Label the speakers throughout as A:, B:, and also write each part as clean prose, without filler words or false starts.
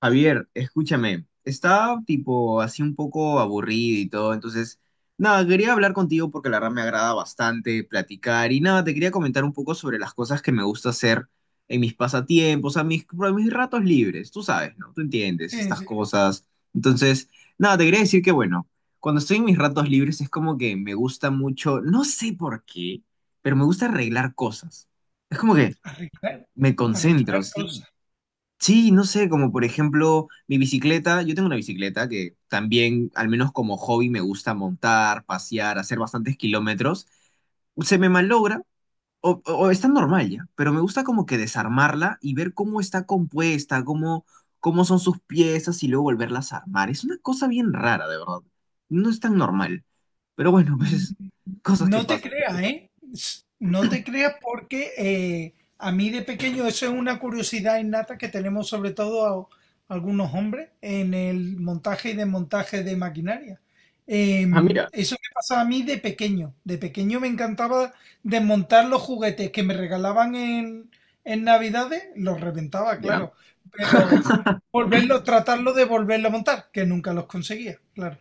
A: Javier, escúchame, estaba tipo así un poco aburrido y todo, entonces, nada, quería hablar contigo porque la verdad me agrada bastante platicar y nada, te quería comentar un poco sobre las cosas que me gusta hacer en mis pasatiempos, a mis ratos libres, tú sabes, ¿no? Tú entiendes
B: Sí,
A: estas
B: sí,
A: cosas. Entonces, nada, te quería decir que bueno, cuando estoy en mis ratos libres es como que me gusta mucho, no sé por qué, pero me gusta arreglar cosas. Es como que
B: arreglar,
A: me concentro,
B: arreglar
A: sí.
B: cosas.
A: Sí, no sé, como por ejemplo mi bicicleta, yo tengo una bicicleta que también, al menos como hobby, me gusta montar, pasear, hacer bastantes kilómetros. Se me malogra o está normal ya, pero me gusta como que desarmarla y ver cómo está compuesta, cómo, cómo son sus piezas y luego volverlas a armar. Es una cosa bien rara, de verdad. No es tan normal, pero bueno,
B: Mm,
A: pues cosas que
B: No te
A: pasan.
B: creas, ¿eh? No te creas porque a mí de pequeño eso es una curiosidad innata que tenemos sobre todo algunos hombres en el montaje y desmontaje de maquinaria.
A: Ah, mira,
B: Eso me pasaba a mí de pequeño. De pequeño me encantaba desmontar los juguetes que me regalaban en Navidades, los reventaba,
A: ya.
B: claro, pero volverlo tratarlo de volverlo a montar, que nunca los conseguía, claro.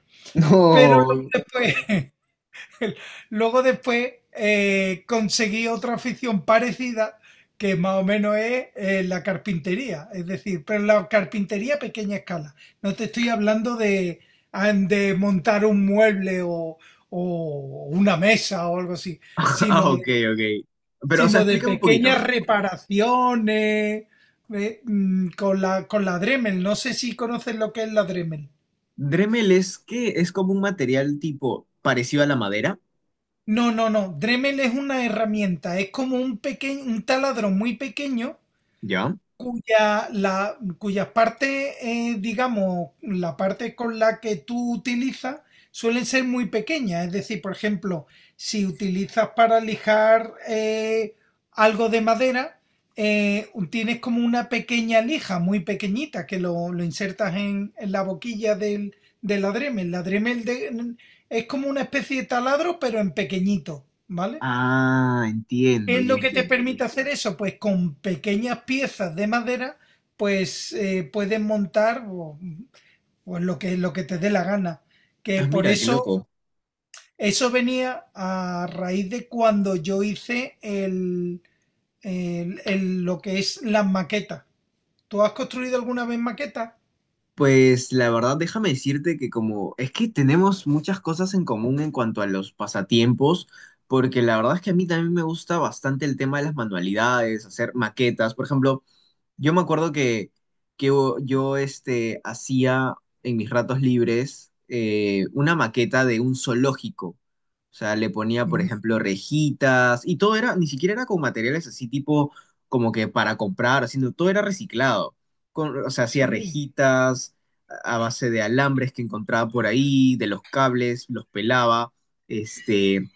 B: Pero luego
A: No.
B: después, luego después conseguí otra afición parecida que más o menos es la carpintería, es decir, pero la carpintería a pequeña escala. No te estoy hablando de, de montar un mueble o una mesa o algo así,
A: Ah,
B: sino
A: ok,
B: de,
A: ok. Pero, o sea,
B: sino de
A: explícame un
B: pequeñas
A: poquito.
B: reparaciones con con la Dremel. No sé si conoces lo que es la Dremel.
A: Dremel es que es como un material tipo parecido a la madera,
B: No, no, no. Dremel es una herramienta, es como un pequeño, un taladro muy pequeño
A: ¿ya?
B: cuya parte, digamos, la parte con la que tú utilizas suelen ser muy pequeñas. Es decir, por ejemplo, si utilizas para lijar algo de madera, tienes como una pequeña lija, muy pequeñita, que lo insertas en la boquilla del adreme. El adreme es como una especie de taladro, pero en pequeñito, ¿vale?
A: Ah,
B: ¿Qué
A: entiendo,
B: es
A: ya
B: lo que te
A: entiendo.
B: permite hacer eso? Pues con pequeñas piezas de madera, pues puedes pues, lo lo que te dé la gana. Que
A: Ah,
B: por
A: mira, qué
B: eso,
A: loco.
B: eso venía a raíz de cuando yo hice lo que es las maquetas. ¿Tú has construido alguna vez maquetas?
A: Pues la verdad, déjame decirte que como es que tenemos muchas cosas en común en cuanto a los pasatiempos, porque la verdad es que a mí también me gusta bastante el tema de las manualidades, hacer maquetas. Por ejemplo, yo me acuerdo que, que yo hacía en mis ratos libres una maqueta de un zoológico. O sea, le ponía, por
B: Mm,
A: ejemplo, rejitas y todo era, ni siquiera era con materiales así tipo como que para comprar, sino todo era reciclado. Con- o sea, hacía
B: Sí,
A: rejitas a base de alambres que encontraba por ahí, de los cables, los pelaba. Este,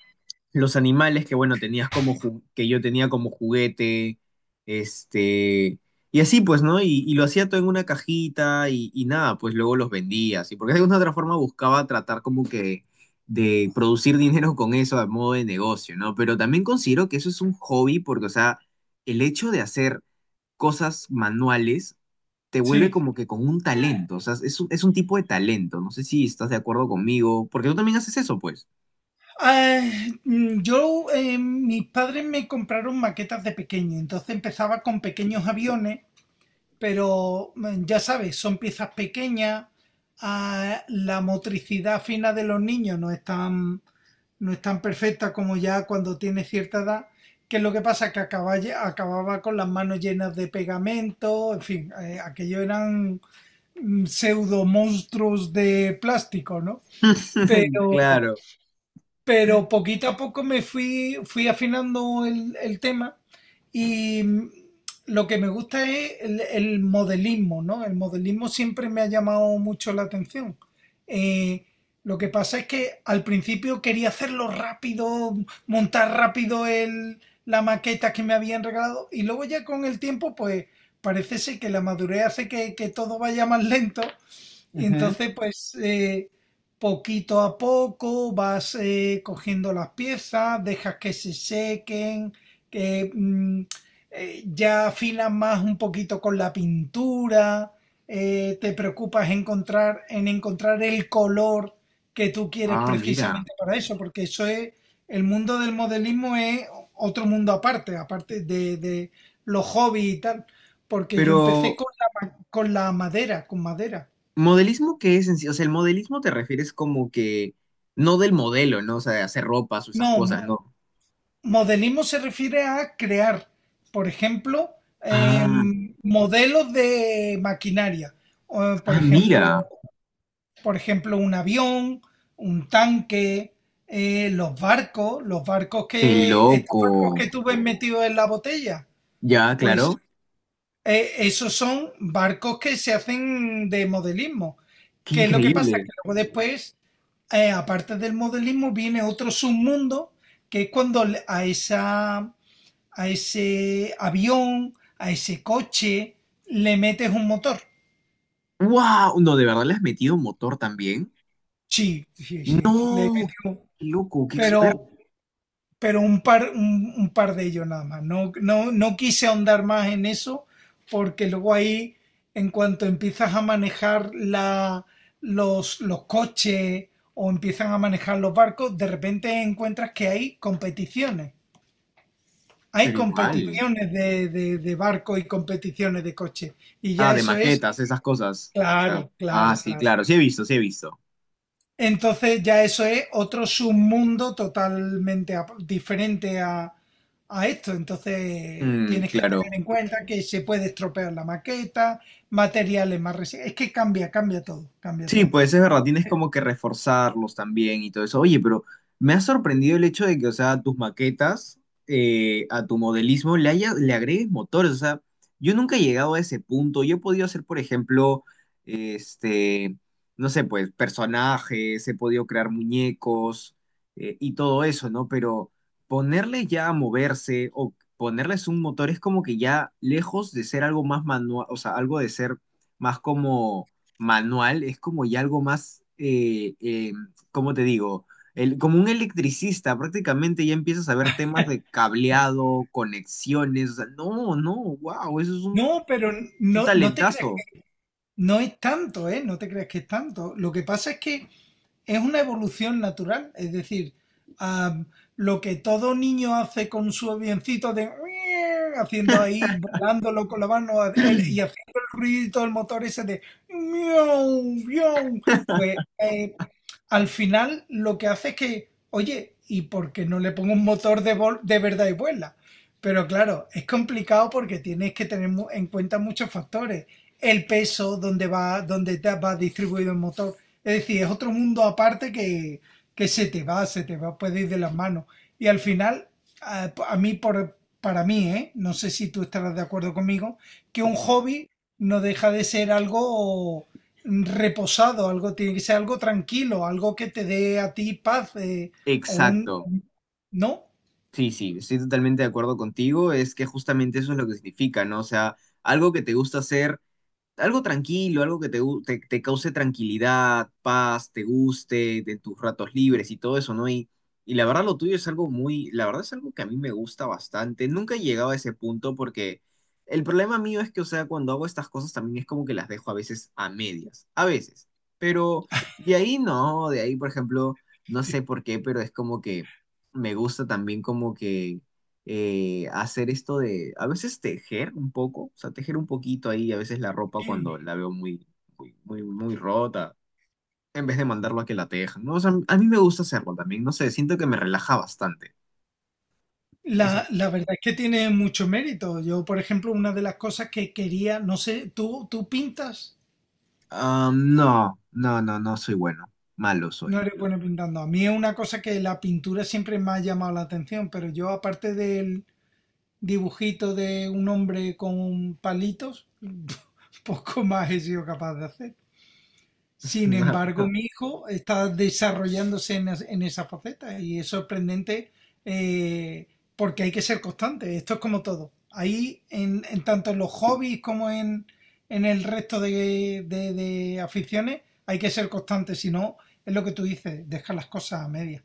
A: los animales que, bueno, que yo tenía como juguete, este, y así pues, ¿no? Y lo hacía todo en una cajita y nada, pues luego los vendía, así, porque de alguna otra forma buscaba tratar como que de producir dinero con eso a modo de negocio, ¿no? Pero también considero que eso es un hobby porque, o sea, el hecho de hacer cosas manuales te vuelve
B: sí.
A: como que con un talento, o sea, es un tipo de talento, no sé si estás de acuerdo conmigo, porque tú también haces eso, pues.
B: Ah, Mis padres me compraron maquetas de pequeño, entonces empezaba con pequeños aviones. Pero ya sabes, son piezas pequeñas, la motricidad fina de los niños no es no es tan perfecta como ya cuando tiene cierta edad, que es lo que pasa que acababa con las manos llenas de pegamento, en fin, aquello eran pseudo monstruos de plástico, ¿no? Pero,
A: Claro.
B: pero poquito a poco me fui afinando el tema y lo que me gusta es el modelismo, ¿no? El modelismo siempre me ha llamado mucho la atención. Eh, lo que pasa es que al principio quería hacerlo rápido, montar rápido la maqueta que me habían regalado y luego ya con el tiempo pues parece ser que la madurez hace que todo vaya más lento.
A: Ujú.
B: Entonces, pues poquito a poco vas cogiendo las piezas, dejas que se sequen, que ya afilas más un poquito con la pintura. Te preocupas encontrar el color que tú quieres
A: Ah, mira.
B: precisamente para eso, porque eso es, el mundo del modelismo es otro mundo aparte, aparte de los hobbies y tal, porque yo empecé
A: Pero,
B: con con la madera, con madera.
A: ¿modelismo qué es en sí? O sea, el modelismo te refieres como que no del modelo, ¿no? O sea, de hacer ropas o esas
B: No,
A: cosas.
B: mo-
A: Claro, ¿no? Claro.
B: modelismo se refiere a crear, por ejemplo,
A: Ah,
B: modelos de maquinaria, o,
A: ah, mira.
B: por ejemplo, un avión, un tanque, los barcos
A: Qué
B: que, estos barcos
A: loco.
B: que tú ves metidos en la botella,
A: Ya, claro.
B: pues esos son barcos que se hacen de modelismo.
A: Qué
B: ¿Qué es lo que pasa?
A: increíble.
B: Que luego después, aparte del modelismo, viene otro submundo, que es cuando a esa a ese avión, a ese coche, le metes un motor.
A: ¡Wow! No, de verdad le has metido motor también.
B: Sí, sí, sí, le
A: No,
B: metes
A: qué
B: un-
A: qué loco, qué experto.
B: Pero, pero un par de ellos nada más. No, no, no quise ahondar más en eso porque luego ahí, en cuanto empiezas a manejar los coches o empiezan a manejar los barcos, de repente encuentras que hay competiciones. Hay
A: Pero igual.
B: competiciones de barco y competiciones de coche. Y
A: Ah,
B: ya
A: de
B: eso es.
A: maquetas, esas cosas. O
B: Claro,
A: sea,
B: claro,
A: ah, sí,
B: claro.
A: claro. Sí he visto, sí he visto.
B: Entonces ya eso es otro submundo totalmente diferente a esto. Entonces
A: Mm,
B: tienes que
A: claro.
B: tener en cuenta que se puede estropear la maqueta, materiales más resistentes. Es que cambia, cambia todo, cambia
A: Sí,
B: todo.
A: pues es verdad, tienes como que reforzarlos también y todo eso. Oye, pero me ha sorprendido el hecho de que, o sea, tus maquetas, a tu modelismo le haya, le agregues motores. O sea, yo nunca he llegado a ese punto. Yo he podido hacer, por ejemplo, este, no sé, pues personajes, he podido crear muñecos, y todo eso, ¿no? Pero ponerle ya a moverse o ponerles un motor es como que ya lejos de ser algo más manual, o sea, algo de ser más como manual es como ya algo más, ¿cómo te digo? El, como un electricista, prácticamente ya empiezas a ver temas de cableado, conexiones. O sea, no, no, wow, eso es un,
B: No, pero
A: un
B: no, no te creas
A: talentazo.
B: que no es tanto, ¿eh? No te creas que es tanto. Lo que pasa es que es una evolución natural. Es decir, ah, lo que todo niño hace con su avioncito de haciendo ahí, volándolo con la mano y haciendo el ruido del motor ese de miau, miau, pues al final lo que hace es que, oye, ¿y por qué no le pongo un motor de, de verdad y vuela? Pero claro, es complicado porque tienes que tener en cuenta muchos factores. El peso, dónde va, dónde te va distribuido el motor, es decir, es otro mundo aparte que se te se te va, puede ir de las manos. Y al final, a mí, para mí, ¿eh? No sé si tú estarás de acuerdo conmigo, que un hobby no deja de ser algo reposado, algo tiene que ser algo tranquilo, algo que te dé a ti paz, o un...
A: Exacto.
B: ¿No?
A: Sí, sí, estoy totalmente de acuerdo contigo. Es que justamente eso es lo que significa, ¿no? O sea, algo que te gusta hacer, algo tranquilo, algo que te cause tranquilidad, paz, te guste, de tus ratos libres y todo eso, ¿no? Y la verdad lo tuyo es algo muy, la verdad es algo que a mí me gusta bastante. Nunca he llegado a ese punto porque el problema mío es que, o sea, cuando hago estas cosas también es como que las dejo a veces a medias, a veces. Pero de ahí no, de ahí, por ejemplo, no sé por qué, pero es como que me gusta también como que hacer esto de, a veces tejer un poco, o sea, tejer un poquito ahí, a veces la ropa
B: Sí.
A: cuando la veo muy rota, en vez de mandarlo a que la tejan, ¿no? O sea, a mí me gusta hacerlo también, no sé, siento que me relaja bastante. Es- algo-
B: La verdad es que tiene mucho mérito. Yo, por ejemplo, una de las cosas que quería, no sé, ¿tú, tú pintas?
A: Ah, no, no, no, no soy bueno, malo
B: No
A: soy.
B: eres bueno pintando. A mí es una cosa que la pintura siempre me ha llamado la atención, pero yo aparte del dibujito de un hombre con palitos, poco más he sido capaz de hacer. Sin embargo, mi hijo está desarrollándose en, en esa faceta y es sorprendente. eh, Porque hay que ser constante. Esto es como todo. Ahí, en tanto en los hobbies como en el resto de, de aficiones, hay que ser constante. Si no, es lo que tú dices, deja las cosas a medias.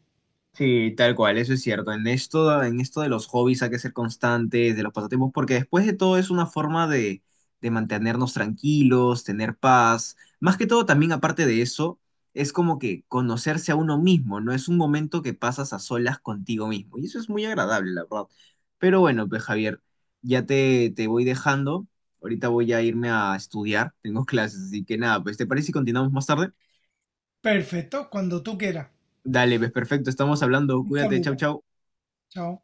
A: Sí, tal cual, eso es cierto. En esto de los hobbies hay que ser constantes, de los pasatiempos, porque después de todo es una forma de mantenernos tranquilos, tener paz. Más que todo, también aparte de eso, es como que conocerse a uno mismo, ¿no? Es un momento que pasas a solas contigo mismo. Y eso es muy agradable, la verdad. Pero bueno, pues Javier, ya te voy dejando. Ahorita voy a irme a estudiar, tengo clases, así que nada, pues ¿te parece si continuamos más tarde?
B: Perfecto, cuando tú quieras.
A: Dale, pues perfecto, estamos hablando.
B: Un
A: Cuídate, chau,
B: saludo.
A: chau.
B: Chao.